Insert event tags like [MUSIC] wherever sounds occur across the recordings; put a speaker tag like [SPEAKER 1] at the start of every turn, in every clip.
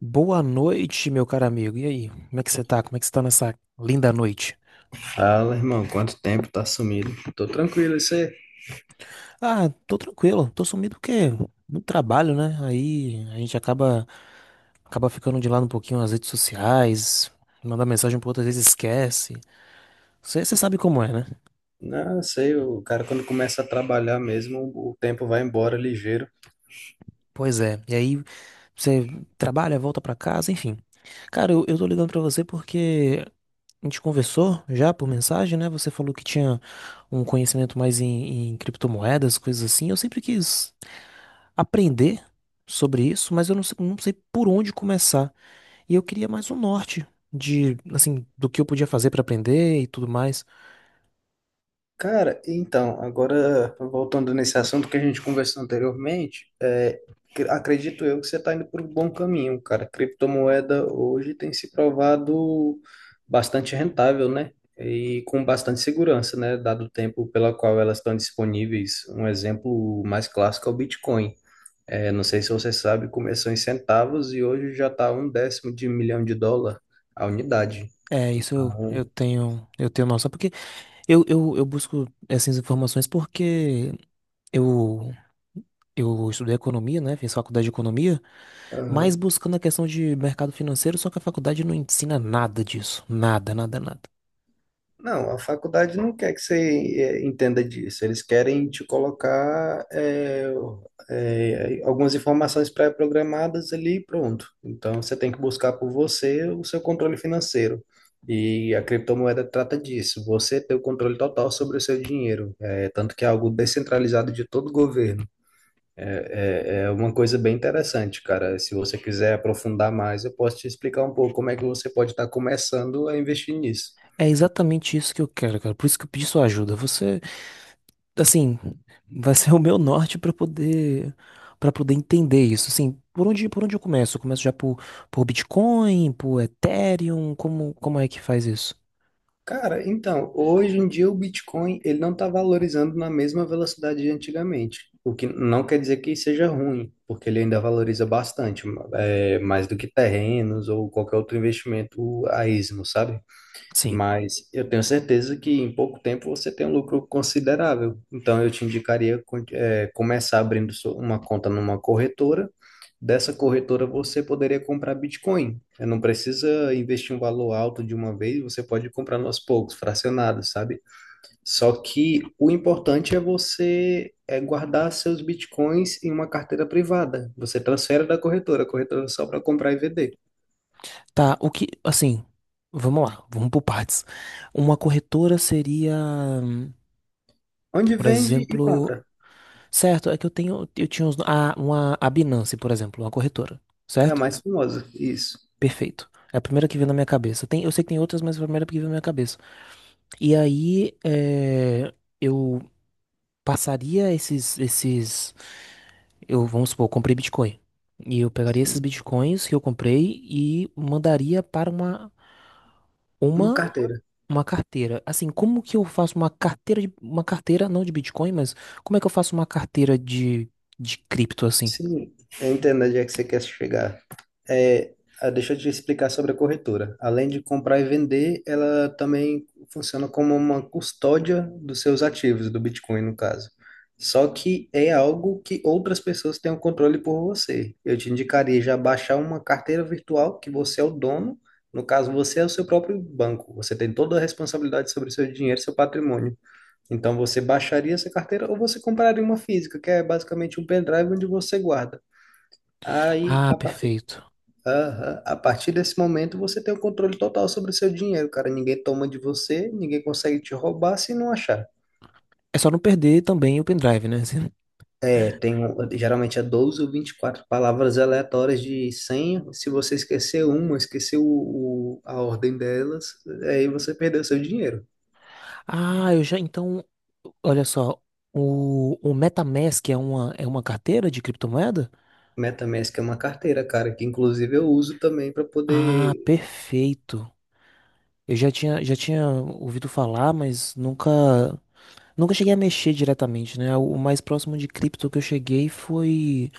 [SPEAKER 1] Boa noite, meu caro amigo. E aí? Como é que você tá? Como é que você tá nessa linda noite?
[SPEAKER 2] Fala, irmão, quanto tempo tá sumido? Tô tranquilo, isso aí.
[SPEAKER 1] Ah, tô tranquilo. Tô sumido porque muito trabalho, né? Aí a gente acaba ficando de lado um pouquinho nas redes sociais, manda mensagem pro outro, às vezes esquece. Você sabe como é, né?
[SPEAKER 2] Não, sei, o cara quando começa a trabalhar mesmo, o tempo vai embora ligeiro.
[SPEAKER 1] Pois é. E aí você trabalha, volta pra casa, enfim. Cara, eu tô ligando pra você porque a gente conversou já por mensagem, né? Você falou que tinha um conhecimento mais em criptomoedas, coisas assim. Eu sempre quis aprender sobre isso, mas eu não sei, não sei por onde começar. E eu queria mais um norte de, assim, do que eu podia fazer para aprender e tudo mais.
[SPEAKER 2] Cara, então, agora voltando nesse assunto que a gente conversou anteriormente, acredito eu que você tá indo por um bom caminho, cara. Criptomoeda hoje tem se provado bastante rentável, né? E com bastante segurança, né? Dado o tempo pela qual elas estão disponíveis. Um exemplo mais clássico é o Bitcoin. É, não sei se você sabe, começou em centavos e hoje já está um décimo de milhão de dólar a unidade.
[SPEAKER 1] É, isso
[SPEAKER 2] Então,
[SPEAKER 1] eu tenho noção, porque eu busco essas informações porque eu, eu estudei economia, né? Fiz faculdade de economia, mas
[SPEAKER 2] aham.
[SPEAKER 1] buscando a questão de mercado financeiro, só que a faculdade não ensina nada disso. Nada, nada, nada.
[SPEAKER 2] Não, a faculdade não quer que você entenda disso. Eles querem te colocar algumas informações pré-programadas ali, e pronto. Então você tem que buscar por você o seu controle financeiro. E a criptomoeda trata disso, você ter o controle total sobre o seu dinheiro. É, tanto que é algo descentralizado de todo o governo. É, é uma coisa bem interessante, cara. Se você quiser aprofundar mais, eu posso te explicar um pouco como é que você pode estar começando a investir nisso.
[SPEAKER 1] É exatamente isso que eu quero, cara. Por isso que eu pedi sua ajuda. Você assim, vai ser o meu norte para poder entender isso. Assim, por onde eu começo? Eu começo já por Bitcoin, por Ethereum, como como é que faz isso?
[SPEAKER 2] Cara, então, hoje em dia o Bitcoin ele não está valorizando na mesma velocidade de antigamente, o que não quer dizer que seja ruim, porque ele ainda valoriza bastante, é, mais do que terrenos ou qualquer outro investimento a esmo, sabe?
[SPEAKER 1] Sim.
[SPEAKER 2] Mas eu tenho certeza que em pouco tempo você tem um lucro considerável. Então eu te indicaria começar abrindo uma conta numa corretora. Dessa corretora você poderia comprar Bitcoin. Eh, não precisa investir um valor alto de uma vez, você pode comprar aos poucos, fracionados, sabe? Só que o importante é você guardar seus Bitcoins em uma carteira privada. Você transfere da corretora, a corretora é só para comprar e vender.
[SPEAKER 1] Tá, o que assim, vamos lá, vamos por partes. Uma corretora seria, hum,
[SPEAKER 2] Onde
[SPEAKER 1] por
[SPEAKER 2] vende e
[SPEAKER 1] exemplo,
[SPEAKER 2] compra.
[SPEAKER 1] certo, é que eu tenho eu tinha uns, a, uma a Binance, por exemplo, uma corretora,
[SPEAKER 2] É a
[SPEAKER 1] certo?
[SPEAKER 2] mais famosa, isso.
[SPEAKER 1] Perfeito. É a primeira que veio na minha cabeça. Tem, eu sei que tem outras, mas é a primeira que veio na minha cabeça. E aí, é, eu passaria esses, esses, eu, vamos supor, eu comprei Bitcoin. E eu pegaria esses Bitcoins que eu comprei e mandaria para
[SPEAKER 2] Uma
[SPEAKER 1] uma,
[SPEAKER 2] carteira.
[SPEAKER 1] uma carteira. Assim, como que eu faço uma carteira de, uma carteira não de Bitcoin, mas como é que eu faço uma carteira de cripto assim?
[SPEAKER 2] Sim, eu entendo onde é que você quer chegar. É, ah, deixa eu te explicar sobre a corretora. Além de comprar e vender, ela também funciona como uma custódia dos seus ativos, do Bitcoin, no caso. Só que é algo que outras pessoas têm o controle por você. Eu te indicaria já baixar uma carteira virtual que você é o dono. No caso, você é o seu próprio banco. Você tem toda a responsabilidade sobre o seu dinheiro, seu patrimônio. Então você baixaria essa carteira ou você compraria uma física, que é basicamente um pendrive onde você guarda. Aí,
[SPEAKER 1] Ah,
[SPEAKER 2] a partir,
[SPEAKER 1] perfeito.
[SPEAKER 2] aham. A partir desse momento, você tem o controle total sobre o seu dinheiro, cara. Ninguém toma de você, ninguém consegue te roubar se não achar.
[SPEAKER 1] É só não perder também o pendrive, né? [LAUGHS]
[SPEAKER 2] É, geralmente é 12 ou 24 palavras aleatórias de senha. Se você esquecer uma, esquecer a ordem delas, aí você perdeu seu dinheiro.
[SPEAKER 1] Ah, eu já, então, olha só, o MetaMask é uma carteira de criptomoeda?
[SPEAKER 2] MetaMask é uma carteira, cara, que inclusive eu uso também para
[SPEAKER 1] Ah,
[SPEAKER 2] poder...
[SPEAKER 1] perfeito. Eu já tinha ouvido falar, mas nunca, nunca cheguei a mexer diretamente, né? O mais próximo de cripto que eu cheguei foi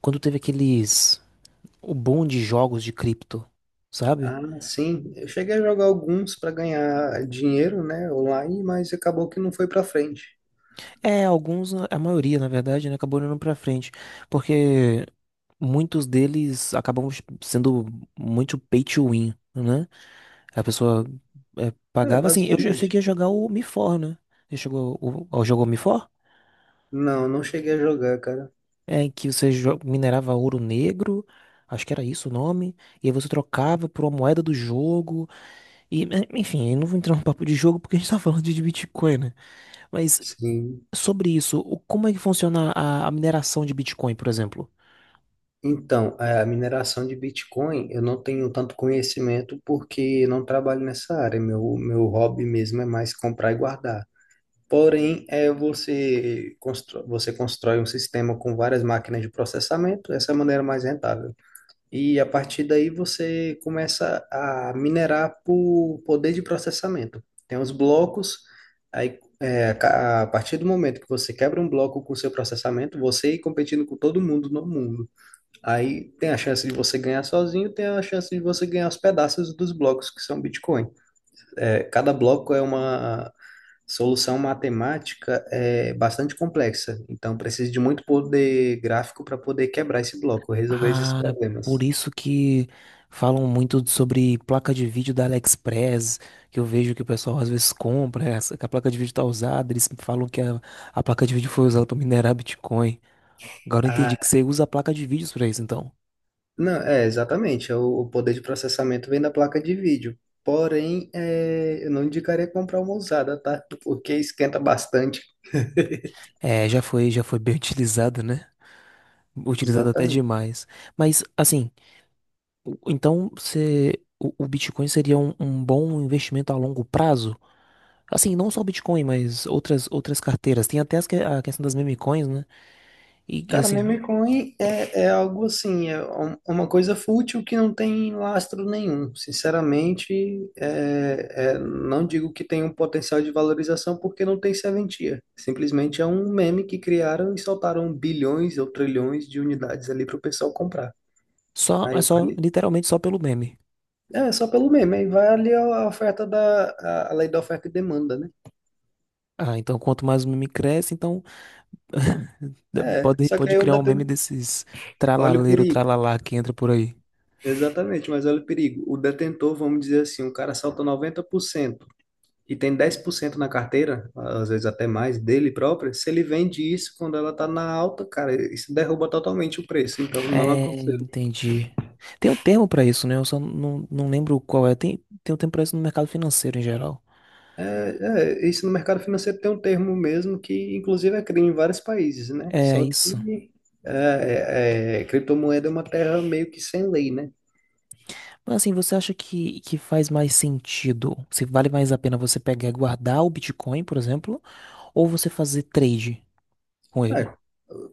[SPEAKER 1] quando teve aqueles, o boom de jogos de cripto, sabe?
[SPEAKER 2] Ah, sim. Eu cheguei a jogar alguns para ganhar dinheiro, né, online, mas acabou que não foi para frente.
[SPEAKER 1] É, alguns, a maioria, na verdade, né, acabou indo pra frente, porque muitos deles acabam sendo muito pay to win, né? A pessoa é,
[SPEAKER 2] É,
[SPEAKER 1] pagava assim, eu
[SPEAKER 2] basicamente.
[SPEAKER 1] cheguei a jogar o MIFOR, né? Você chegou, o, jogou o MIFOR?
[SPEAKER 2] Não, não cheguei a jogar, cara.
[SPEAKER 1] É, em que você jo- minerava ouro negro, acho que era isso o nome, e aí você trocava por uma moeda do jogo, e eh, enfim, eu não vou entrar no papo de jogo porque a gente tá falando de Bitcoin, né? Mas
[SPEAKER 2] Sim.
[SPEAKER 1] sobre isso, o- como é que funciona a mineração de Bitcoin, por exemplo?
[SPEAKER 2] Então, a mineração de Bitcoin, eu não tenho tanto conhecimento porque eu não trabalho nessa área. Meu hobby mesmo é mais comprar e guardar. Porém, é você constrói um sistema com várias máquinas de processamento, essa é a maneira mais rentável. E a partir daí você começa a minerar por poder de processamento. Tem os blocos, a partir do momento que você quebra um bloco com o seu processamento, você ir competindo com todo mundo no mundo. Aí tem a chance de você ganhar sozinho, tem a chance de você ganhar os pedaços dos blocos que são Bitcoin. É, cada bloco é uma solução matemática é bastante complexa, então precisa de muito poder gráfico para poder quebrar esse bloco, resolver esses
[SPEAKER 1] Ah, por
[SPEAKER 2] problemas.
[SPEAKER 1] isso que falam muito sobre placa de vídeo da AliExpress, que eu vejo que o pessoal às vezes compra, essa- que a placa de vídeo tá usada, eles falam que a placa de vídeo foi usada para minerar Bitcoin. Agora eu entendi
[SPEAKER 2] Ah,
[SPEAKER 1] que você usa a placa de vídeos para isso, então.
[SPEAKER 2] não, é, exatamente. É o poder de processamento vem da placa de vídeo. Porém, é, eu não indicaria comprar uma usada, tá? Porque esquenta bastante. [LAUGHS]
[SPEAKER 1] É, já foi bem [LAUGHS] utilizado, né? Utilizado até
[SPEAKER 2] Exatamente.
[SPEAKER 1] demais. Mas, assim, o- então você, o Bitcoin seria um, um bom investimento a longo prazo? Assim, não só o Bitcoin, mas outras, outras carteiras. Tem até as que- a questão das meme coins, né? E,
[SPEAKER 2] Cara,
[SPEAKER 1] assim,
[SPEAKER 2] meme coin é, é algo assim, uma coisa fútil que não tem lastro nenhum. Sinceramente, não digo que tem um potencial de valorização porque não tem serventia. Simplesmente é um meme que criaram e soltaram bilhões ou trilhões de unidades ali para o pessoal comprar.
[SPEAKER 1] só, é
[SPEAKER 2] Aí,
[SPEAKER 1] só,
[SPEAKER 2] vale
[SPEAKER 1] literalmente só pelo meme.
[SPEAKER 2] É, só pelo meme. Aí vale a oferta a lei da oferta e demanda, né?
[SPEAKER 1] Ah, então quanto mais o meme cresce, então [LAUGHS]
[SPEAKER 2] É,
[SPEAKER 1] pode,
[SPEAKER 2] só que
[SPEAKER 1] pode
[SPEAKER 2] aí o
[SPEAKER 1] criar um meme
[SPEAKER 2] detentor,
[SPEAKER 1] desses
[SPEAKER 2] olha o
[SPEAKER 1] tralaleiro,
[SPEAKER 2] perigo.
[SPEAKER 1] tralalá que entra por aí.
[SPEAKER 2] Exatamente, mas olha o perigo. O detentor, vamos dizer assim, o cara salta 90% e tem 10% na carteira, às vezes até mais, dele próprio. Se ele vende isso quando ela tá na alta, cara, isso derruba totalmente o preço. Então, não
[SPEAKER 1] É,
[SPEAKER 2] aconselho.
[SPEAKER 1] entendi. Tem um termo pra isso, né? Eu só não, não lembro qual é. Tem, tem um termo pra isso no mercado financeiro em geral.
[SPEAKER 2] Isso no mercado financeiro tem um termo mesmo que, inclusive, é crime em vários países, né?
[SPEAKER 1] É
[SPEAKER 2] Só
[SPEAKER 1] isso.
[SPEAKER 2] que criptomoeda é uma terra meio que sem lei, né?
[SPEAKER 1] Mas assim, você acha que faz mais sentido? Se vale mais a pena você pegar e guardar o Bitcoin, por exemplo, ou você fazer trade com
[SPEAKER 2] É,
[SPEAKER 1] ele?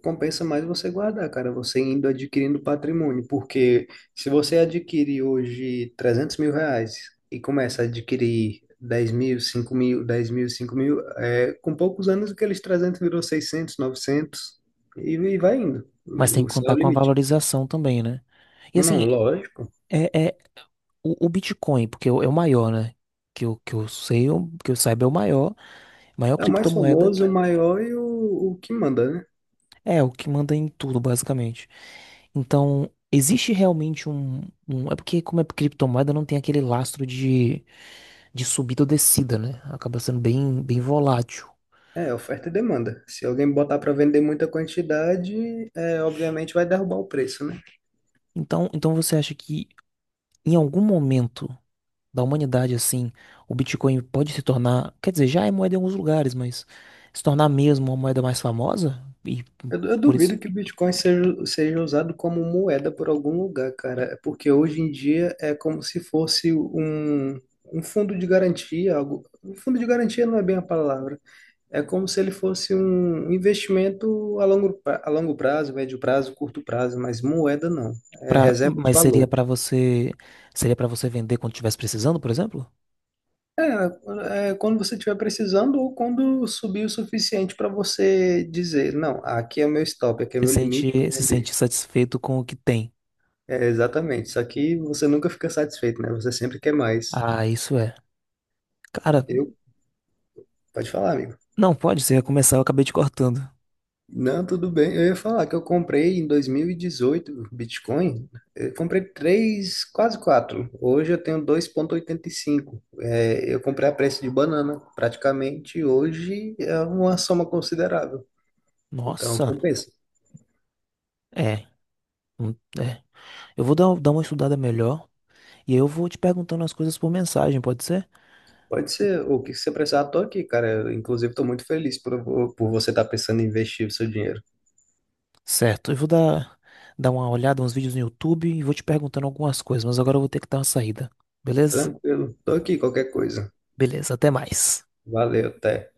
[SPEAKER 2] compensa mais você guardar, cara, você indo adquirindo patrimônio, porque se você adquirir hoje R$ 300.000 e começa a adquirir 10.000, 5.000, 10.000, 5.000, é, com poucos anos aqueles 300 virou 600, 900 e vai indo,
[SPEAKER 1] Mas tem
[SPEAKER 2] o
[SPEAKER 1] que
[SPEAKER 2] o céu é
[SPEAKER 1] contar
[SPEAKER 2] o
[SPEAKER 1] com a
[SPEAKER 2] limite.
[SPEAKER 1] valorização também, né? E
[SPEAKER 2] Não,
[SPEAKER 1] assim,
[SPEAKER 2] lógico,
[SPEAKER 1] é, é o Bitcoin, porque é o é o maior, né? Que eu sei, é o- que eu saiba é o maior, maior
[SPEAKER 2] é o mais
[SPEAKER 1] criptomoeda
[SPEAKER 2] famoso, o
[SPEAKER 1] que
[SPEAKER 2] maior e o que manda, né?
[SPEAKER 1] É, o que manda em tudo, basicamente. Então, existe realmente um, um- É porque, como é criptomoeda, não tem aquele lastro de subida ou descida, né? Acaba sendo bem, bem volátil.
[SPEAKER 2] É, oferta e demanda. Se alguém botar para vender muita quantidade, é, obviamente vai derrubar o preço, né?
[SPEAKER 1] Então, então, você acha que em algum momento da humanidade, assim, o Bitcoin pode se tornar. Quer dizer, já é moeda em alguns lugares, mas se tornar mesmo uma moeda mais famosa? E
[SPEAKER 2] Eu
[SPEAKER 1] por isso.
[SPEAKER 2] duvido que o Bitcoin seja usado como moeda por algum lugar, cara. É porque hoje em dia é como se fosse um, um fundo de garantia, algo. Um fundo de garantia não é bem a palavra. É como se ele fosse um investimento a longo prazo, médio prazo, curto prazo, mas moeda não. É
[SPEAKER 1] Pra,
[SPEAKER 2] reserva de
[SPEAKER 1] mas seria
[SPEAKER 2] valor.
[SPEAKER 1] pra você. Seria para você vender quando estivesse precisando, por exemplo?
[SPEAKER 2] É, é quando você estiver precisando ou quando subir o suficiente para você dizer, não, aqui é o meu stop, aqui é o
[SPEAKER 1] Se
[SPEAKER 2] meu limite, vou
[SPEAKER 1] sente, se
[SPEAKER 2] vender.
[SPEAKER 1] sente satisfeito com o que tem.
[SPEAKER 2] É, exatamente. Só que você nunca fica satisfeito, né? Você sempre quer mais.
[SPEAKER 1] Ah, isso é. Cara,
[SPEAKER 2] Eu, pode falar, amigo.
[SPEAKER 1] não pode, se começar eu acabei te cortando.
[SPEAKER 2] Não, tudo bem. Eu ia falar que eu comprei em 2018 Bitcoin. Eu comprei três, quase quatro. Hoje eu tenho 2,85. É, eu comprei a preço de banana, praticamente. Hoje é uma soma considerável. Então,
[SPEAKER 1] Nossa,
[SPEAKER 2] compensa.
[SPEAKER 1] é. hum, É. Eu vou dar, dar uma estudada melhor e aí eu vou te perguntando as coisas por mensagem, pode ser?
[SPEAKER 2] Pode ser. O que você precisar, tô aqui, cara. Eu, inclusive, estou muito feliz por você estar pensando em investir o seu dinheiro.
[SPEAKER 1] Certo, eu vou dar, dar uma olhada, uns vídeos no YouTube e vou te perguntando algumas coisas, mas agora eu vou ter que dar uma saída. Beleza?
[SPEAKER 2] Tranquilo. Tô aqui, qualquer coisa.
[SPEAKER 1] Beleza, até mais.
[SPEAKER 2] Valeu, até.